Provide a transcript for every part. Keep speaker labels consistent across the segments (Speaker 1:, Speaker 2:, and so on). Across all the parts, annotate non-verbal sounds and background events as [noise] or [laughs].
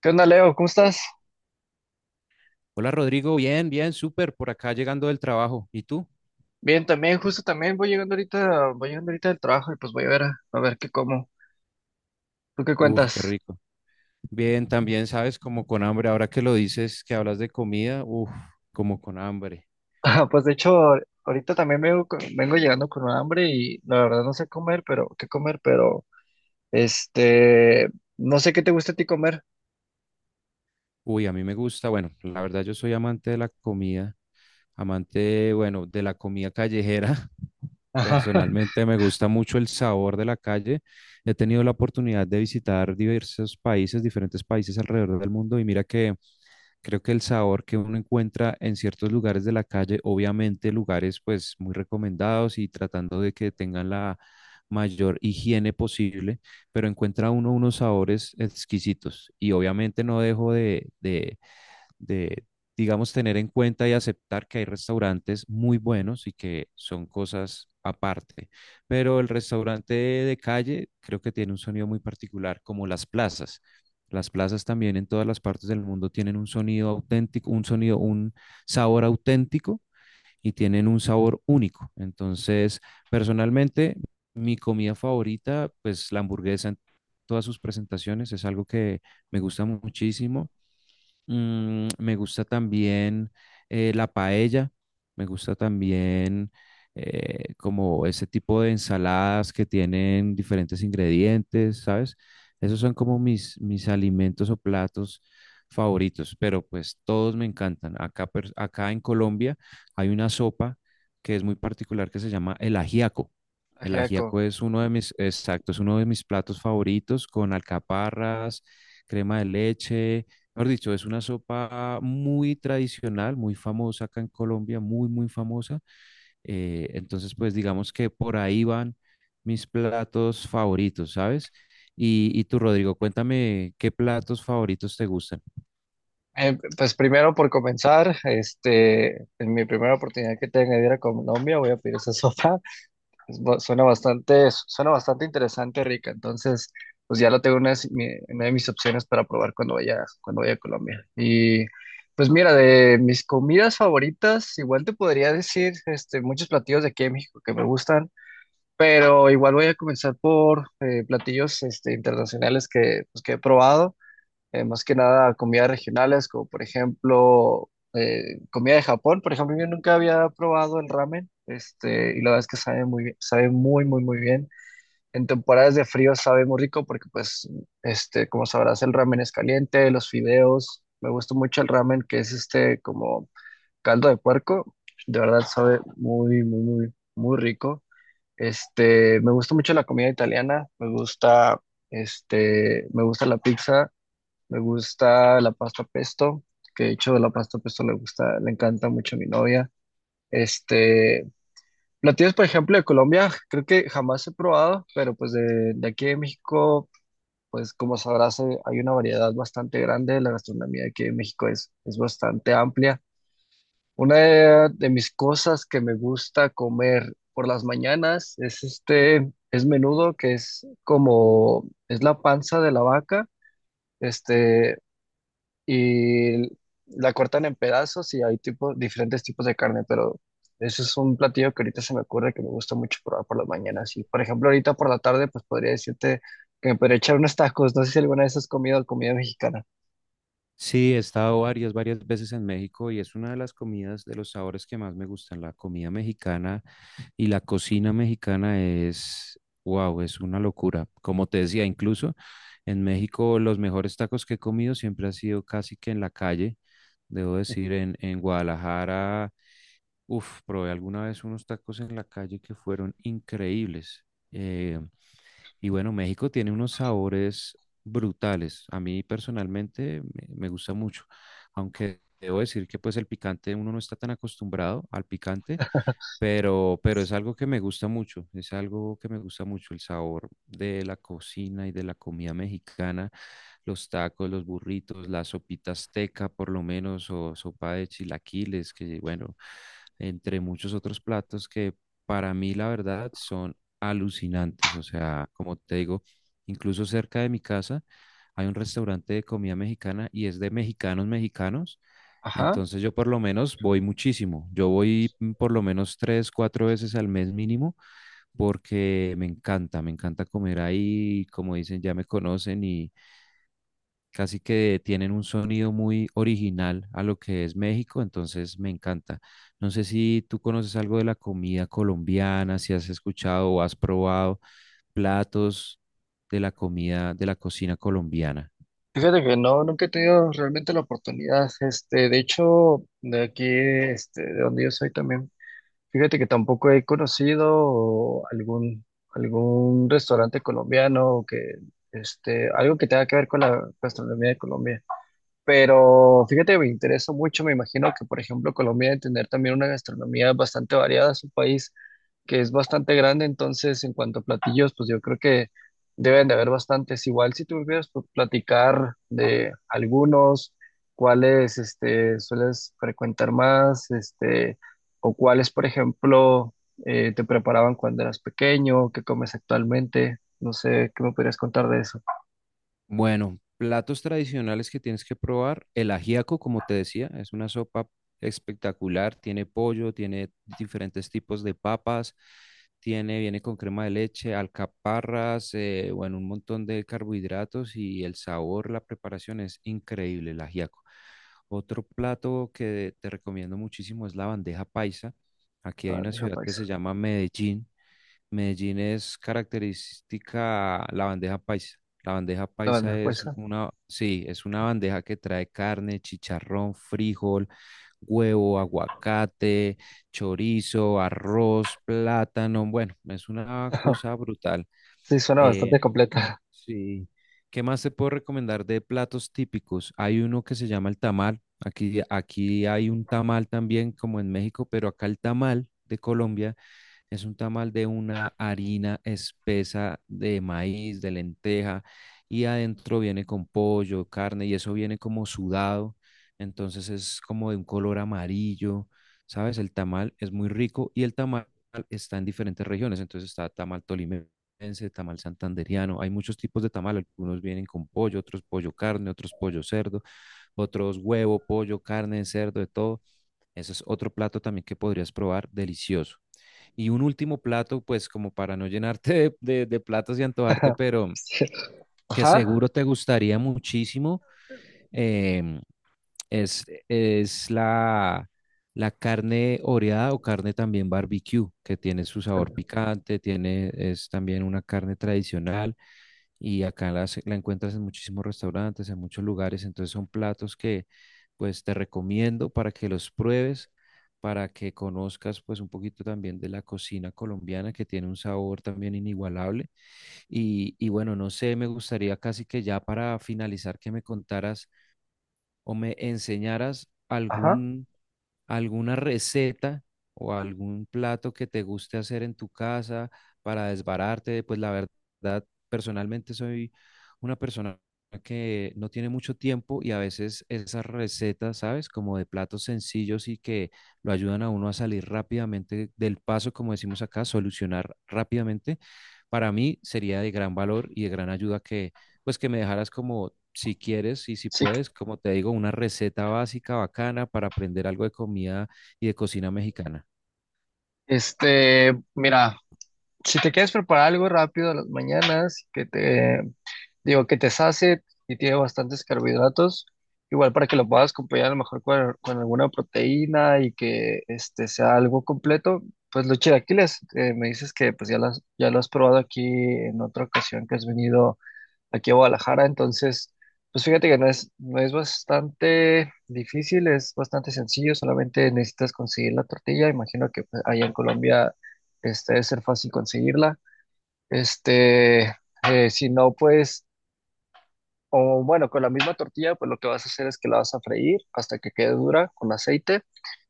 Speaker 1: ¿Qué onda, Leo? ¿Cómo estás?
Speaker 2: Hola Rodrigo, bien, bien, súper, por acá llegando del trabajo. ¿Y tú?
Speaker 1: Bien, también, justo también voy llegando ahorita del trabajo y pues voy a ver, a ver qué como. ¿Tú qué
Speaker 2: Uf, qué
Speaker 1: cuentas? [laughs]
Speaker 2: rico. Bien, también sabes, como con hambre, ahora que lo dices, que hablas de comida, como con hambre.
Speaker 1: Ah, pues de hecho, ahorita también vengo, vengo llegando con hambre y la verdad no sé comer, pero qué comer, pero este, no sé qué te gusta a ti comer.
Speaker 2: Uy, a mí me gusta, bueno, la verdad yo soy amante de la comida, amante, bueno, de la comida callejera. [laughs]
Speaker 1: Ajá. [laughs]
Speaker 2: Personalmente me gusta mucho el sabor de la calle. He tenido la oportunidad de visitar diversos países, diferentes países alrededor del mundo y mira que creo que el sabor que uno encuentra en ciertos lugares de la calle, obviamente lugares pues muy recomendados y tratando de que tengan la mayor higiene posible, pero encuentra uno unos sabores exquisitos. Y obviamente no dejo de, digamos, tener en cuenta y aceptar que hay restaurantes muy buenos y que son cosas aparte. Pero el restaurante de calle creo que tiene un sonido muy particular, como las plazas. Las plazas también en todas las partes del mundo tienen un sonido auténtico, un sonido, un sabor auténtico y tienen un sabor único. Entonces, personalmente, mi comida favorita, pues la hamburguesa en todas sus presentaciones, es algo que me gusta muchísimo. Me gusta también la paella, me gusta también como ese tipo de ensaladas que tienen diferentes ingredientes, ¿sabes? Esos son como mis alimentos o platos favoritos, pero pues todos me encantan. Acá, acá en Colombia hay una sopa que es muy particular que se llama el ajiaco. El
Speaker 1: Ajiaco.
Speaker 2: ajiaco es uno de mis, exacto, es uno de mis platos favoritos con alcaparras, crema de leche. Mejor dicho, es una sopa muy tradicional, muy famosa acá en Colombia, muy, muy famosa. Entonces, pues digamos que por ahí van mis platos favoritos, ¿sabes? Y tú, Rodrigo, cuéntame qué platos favoritos te gustan.
Speaker 1: Pues primero por comenzar, en mi primera oportunidad que tenga de ir a Colombia voy a pedir esa [laughs] sopa. Suena bastante interesante. Rica. Entonces, pues ya lo tengo en una, de si, mi- una de mis opciones para probar cuando vaya a Colombia. Y pues mira, de mis comidas favoritas, igual te podría decir muchos platillos de aquí de México que me gustan, pero igual voy a comenzar por platillos internacionales que, pues, que he probado más que nada comidas regionales, como por ejemplo comida de Japón. Por ejemplo, yo nunca había probado el ramen, y la verdad es que sabe muy bien, sabe muy, muy, muy bien. En temporadas de frío sabe muy rico porque, pues, como sabrás, el ramen es caliente, los fideos. Me gusta mucho el ramen, que es este como caldo de puerco. De verdad sabe muy, muy, muy, muy rico. Me gusta mucho la comida italiana, me gusta, me gusta la pizza, me gusta la pasta pesto, que de hecho la pasta pesto le gusta, le encanta mucho a mi novia. Este, Platillos, por ejemplo, de Colombia, creo que jamás he probado, pero pues de aquí de México, pues como sabrás, hay una variedad bastante grande. La gastronomía de aquí de México es bastante amplia. De mis cosas que me gusta comer por las mañanas es es menudo, que es como, es la panza de la vaca. Este, y la cortan en pedazos y hay tipo, diferentes tipos de carne, pero eso es un platillo que ahorita se me ocurre que me gusta mucho probar por las mañanas. Y por ejemplo, ahorita por la tarde, pues podría decirte que me podría echar unos tacos. No sé si alguna vez has comido comida mexicana.
Speaker 2: Sí, he estado varias, varias veces en México y es una de las comidas, de los sabores que más me gustan, la comida mexicana. Y la cocina mexicana es, wow, es una locura. Como te decía, incluso en México los mejores tacos que he comido siempre han sido casi que en la calle. Debo decir, en Guadalajara, uf, probé alguna vez unos tacos en la calle que fueron increíbles. Eh, y bueno, México tiene unos sabores brutales. A mí personalmente me gusta mucho, aunque debo decir que pues el picante uno no está tan acostumbrado al picante, pero es algo que me gusta mucho, es algo que me gusta mucho, el sabor de la cocina y de la comida mexicana, los tacos, los burritos, la sopita azteca por lo menos, o sopa de chilaquiles, que bueno, entre muchos otros platos que para mí la verdad son alucinantes, o sea, como te digo, incluso cerca de mi casa hay un restaurante de comida mexicana y es de mexicanos mexicanos,
Speaker 1: Ajá.
Speaker 2: entonces yo por lo menos voy muchísimo. Yo voy por lo menos tres, cuatro veces al mes mínimo, porque me encanta comer ahí. Como dicen, ya me conocen y casi que tienen un sonido muy original a lo que es México, entonces me encanta. No sé si tú conoces algo de la comida colombiana, si has escuchado o has probado platos de la comida, de la cocina colombiana.
Speaker 1: Fíjate que no, nunca he tenido realmente la oportunidad. De hecho, de aquí, de donde yo soy también. Fíjate que tampoco he conocido algún, algún restaurante colombiano que, algo que tenga que ver con la gastronomía de Colombia. Pero fíjate, me interesa mucho. Me imagino que, por ejemplo, Colombia debe tener también una gastronomía bastante variada. Es un país que es bastante grande, entonces, en cuanto a platillos, pues yo creo que deben de haber bastantes. Igual, si tú me pudieras pues, platicar de algunos, cuáles sueles frecuentar más, o cuáles, por ejemplo, te preparaban cuando eras pequeño, qué comes actualmente. No sé, ¿qué me podrías contar de eso?
Speaker 2: Bueno, platos tradicionales que tienes que probar. El ajiaco, como te decía, es una sopa espectacular. Tiene pollo, tiene diferentes tipos de papas, tiene, viene con crema de leche, alcaparras, bueno, un montón de carbohidratos y el sabor, la preparación es increíble, el ajiaco. Otro plato que te recomiendo muchísimo es la bandeja paisa. Aquí
Speaker 1: La
Speaker 2: hay una
Speaker 1: bandeja
Speaker 2: ciudad que se
Speaker 1: paisa.
Speaker 2: llama Medellín. Medellín es característica la bandeja paisa. La bandeja
Speaker 1: La
Speaker 2: paisa
Speaker 1: bandeja
Speaker 2: es
Speaker 1: paisa.
Speaker 2: una, sí, es una bandeja que trae carne, chicharrón, frijol, huevo, aguacate, chorizo, arroz, plátano. Bueno, es una cosa brutal.
Speaker 1: Sí, suena bastante
Speaker 2: Eh,
Speaker 1: completa.
Speaker 2: sí. ¿Qué más te puedo recomendar de platos típicos? Hay uno que se llama el tamal. Aquí, aquí hay un tamal también, como en México, pero acá el tamal de Colombia es un tamal de una harina espesa de maíz, de lenteja, y adentro viene con pollo, carne, y eso viene como sudado, entonces es como de un color amarillo, ¿sabes? El tamal es muy rico y el tamal está en diferentes regiones, entonces está tamal tolimense, tamal santanderiano, hay muchos tipos de tamal, algunos vienen con pollo, otros pollo carne, otros pollo cerdo, otros huevo, pollo, carne, cerdo, de todo. Ese es otro plato también que podrías probar, delicioso. Y un último plato, pues como para no llenarte de platos y antojarte,
Speaker 1: [laughs]
Speaker 2: pero
Speaker 1: Sí.
Speaker 2: que
Speaker 1: Ajá,
Speaker 2: seguro te gustaría muchísimo, em, es la, la carne oreada o carne también barbecue, que tiene su sabor
Speaker 1: perdón,
Speaker 2: picante, tiene, es también una carne tradicional y acá la encuentras en muchísimos restaurantes, en muchos lugares, entonces son platos que pues te recomiendo para que los pruebes, para que conozcas pues un poquito también de la cocina colombiana que tiene un sabor también inigualable. Y, y bueno, no sé, me gustaría casi que ya para finalizar que me contaras o me enseñaras
Speaker 1: ajá.
Speaker 2: algún, alguna receta o algún plato que te guste hacer en tu casa, para desbararte, pues la verdad, personalmente soy una persona que no tiene mucho tiempo y a veces esas recetas, ¿sabes? Como de platos sencillos y que lo ayudan a uno a salir rápidamente del paso, como decimos acá, solucionar rápidamente, para mí sería de gran valor y de gran ayuda que, pues que me dejaras como si quieres y si
Speaker 1: Sí,
Speaker 2: puedes, como te digo, una receta básica bacana para aprender algo de comida y de cocina mexicana.
Speaker 1: mira, si te quieres preparar algo rápido a las mañanas, que te, digo, que te sacie y tiene bastantes carbohidratos, igual para que lo puedas acompañar a lo mejor con alguna proteína y que este sea algo completo, pues los chilaquiles, me dices que pues ya las, ya lo has probado aquí en otra ocasión que has venido aquí a Guadalajara, entonces, pues fíjate que no es, no es bastante difícil, es bastante sencillo, solamente necesitas conseguir la tortilla, imagino que pues, allá en Colombia debe ser fácil conseguirla, este, si no, pues, o bueno, con la misma tortilla, pues lo que vas a hacer es que la vas a freír hasta que quede dura con aceite,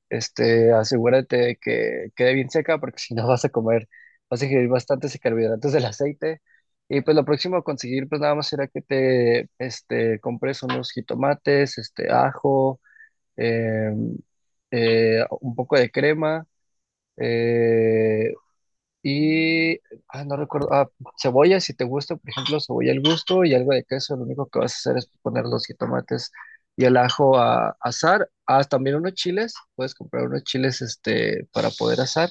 Speaker 1: asegúrate de que quede bien seca porque [laughs] si no vas a comer, vas a ingerir bastantes carbohidratos del aceite. Y pues lo próximo a conseguir, pues nada más será que te, compres unos jitomates, ajo, em, un poco de crema, eh, y, no recuerdo, cebolla si te gusta, por ejemplo, cebolla al gusto y algo de queso, lo único que vas a hacer es poner los jitomates y el ajo a asar. Ah, también unos chiles, puedes comprar unos chiles para poder asar.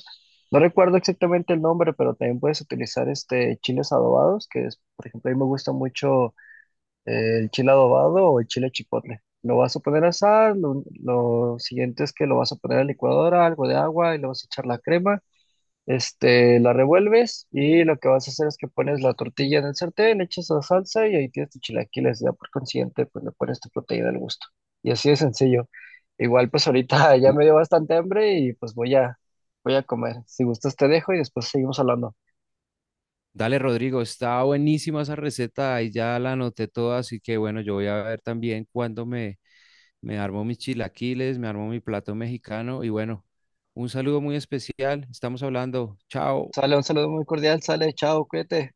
Speaker 1: No recuerdo exactamente el nombre, pero también puedes utilizar chiles adobados, que es, por ejemplo, a mí me gusta mucho el chile adobado o el chile chipotle. Lo vas a poner a asar, lo siguiente es que lo vas a poner a la licuadora, algo de agua y le vas a echar la crema la revuelves y lo que vas a hacer es que pones la tortilla en el sartén, le echas la salsa y ahí tienes tus chilaquiles. Ya por consiguiente, pues le pones tu proteína al gusto. Y así de sencillo. Igual, pues ahorita [laughs] ya
Speaker 2: Uh,
Speaker 1: me dio bastante hambre y pues voy a, voy a comer. Si gustas, te dejo y después seguimos hablando.
Speaker 2: dale, Rodrigo, está buenísima esa receta, ahí ya la anoté toda, así que bueno, yo voy a ver también me armo mis chilaquiles, me armo mi plato mexicano y bueno, un saludo muy especial, estamos hablando, chao.
Speaker 1: Sale, un saludo muy cordial, sale, chao, cuídate.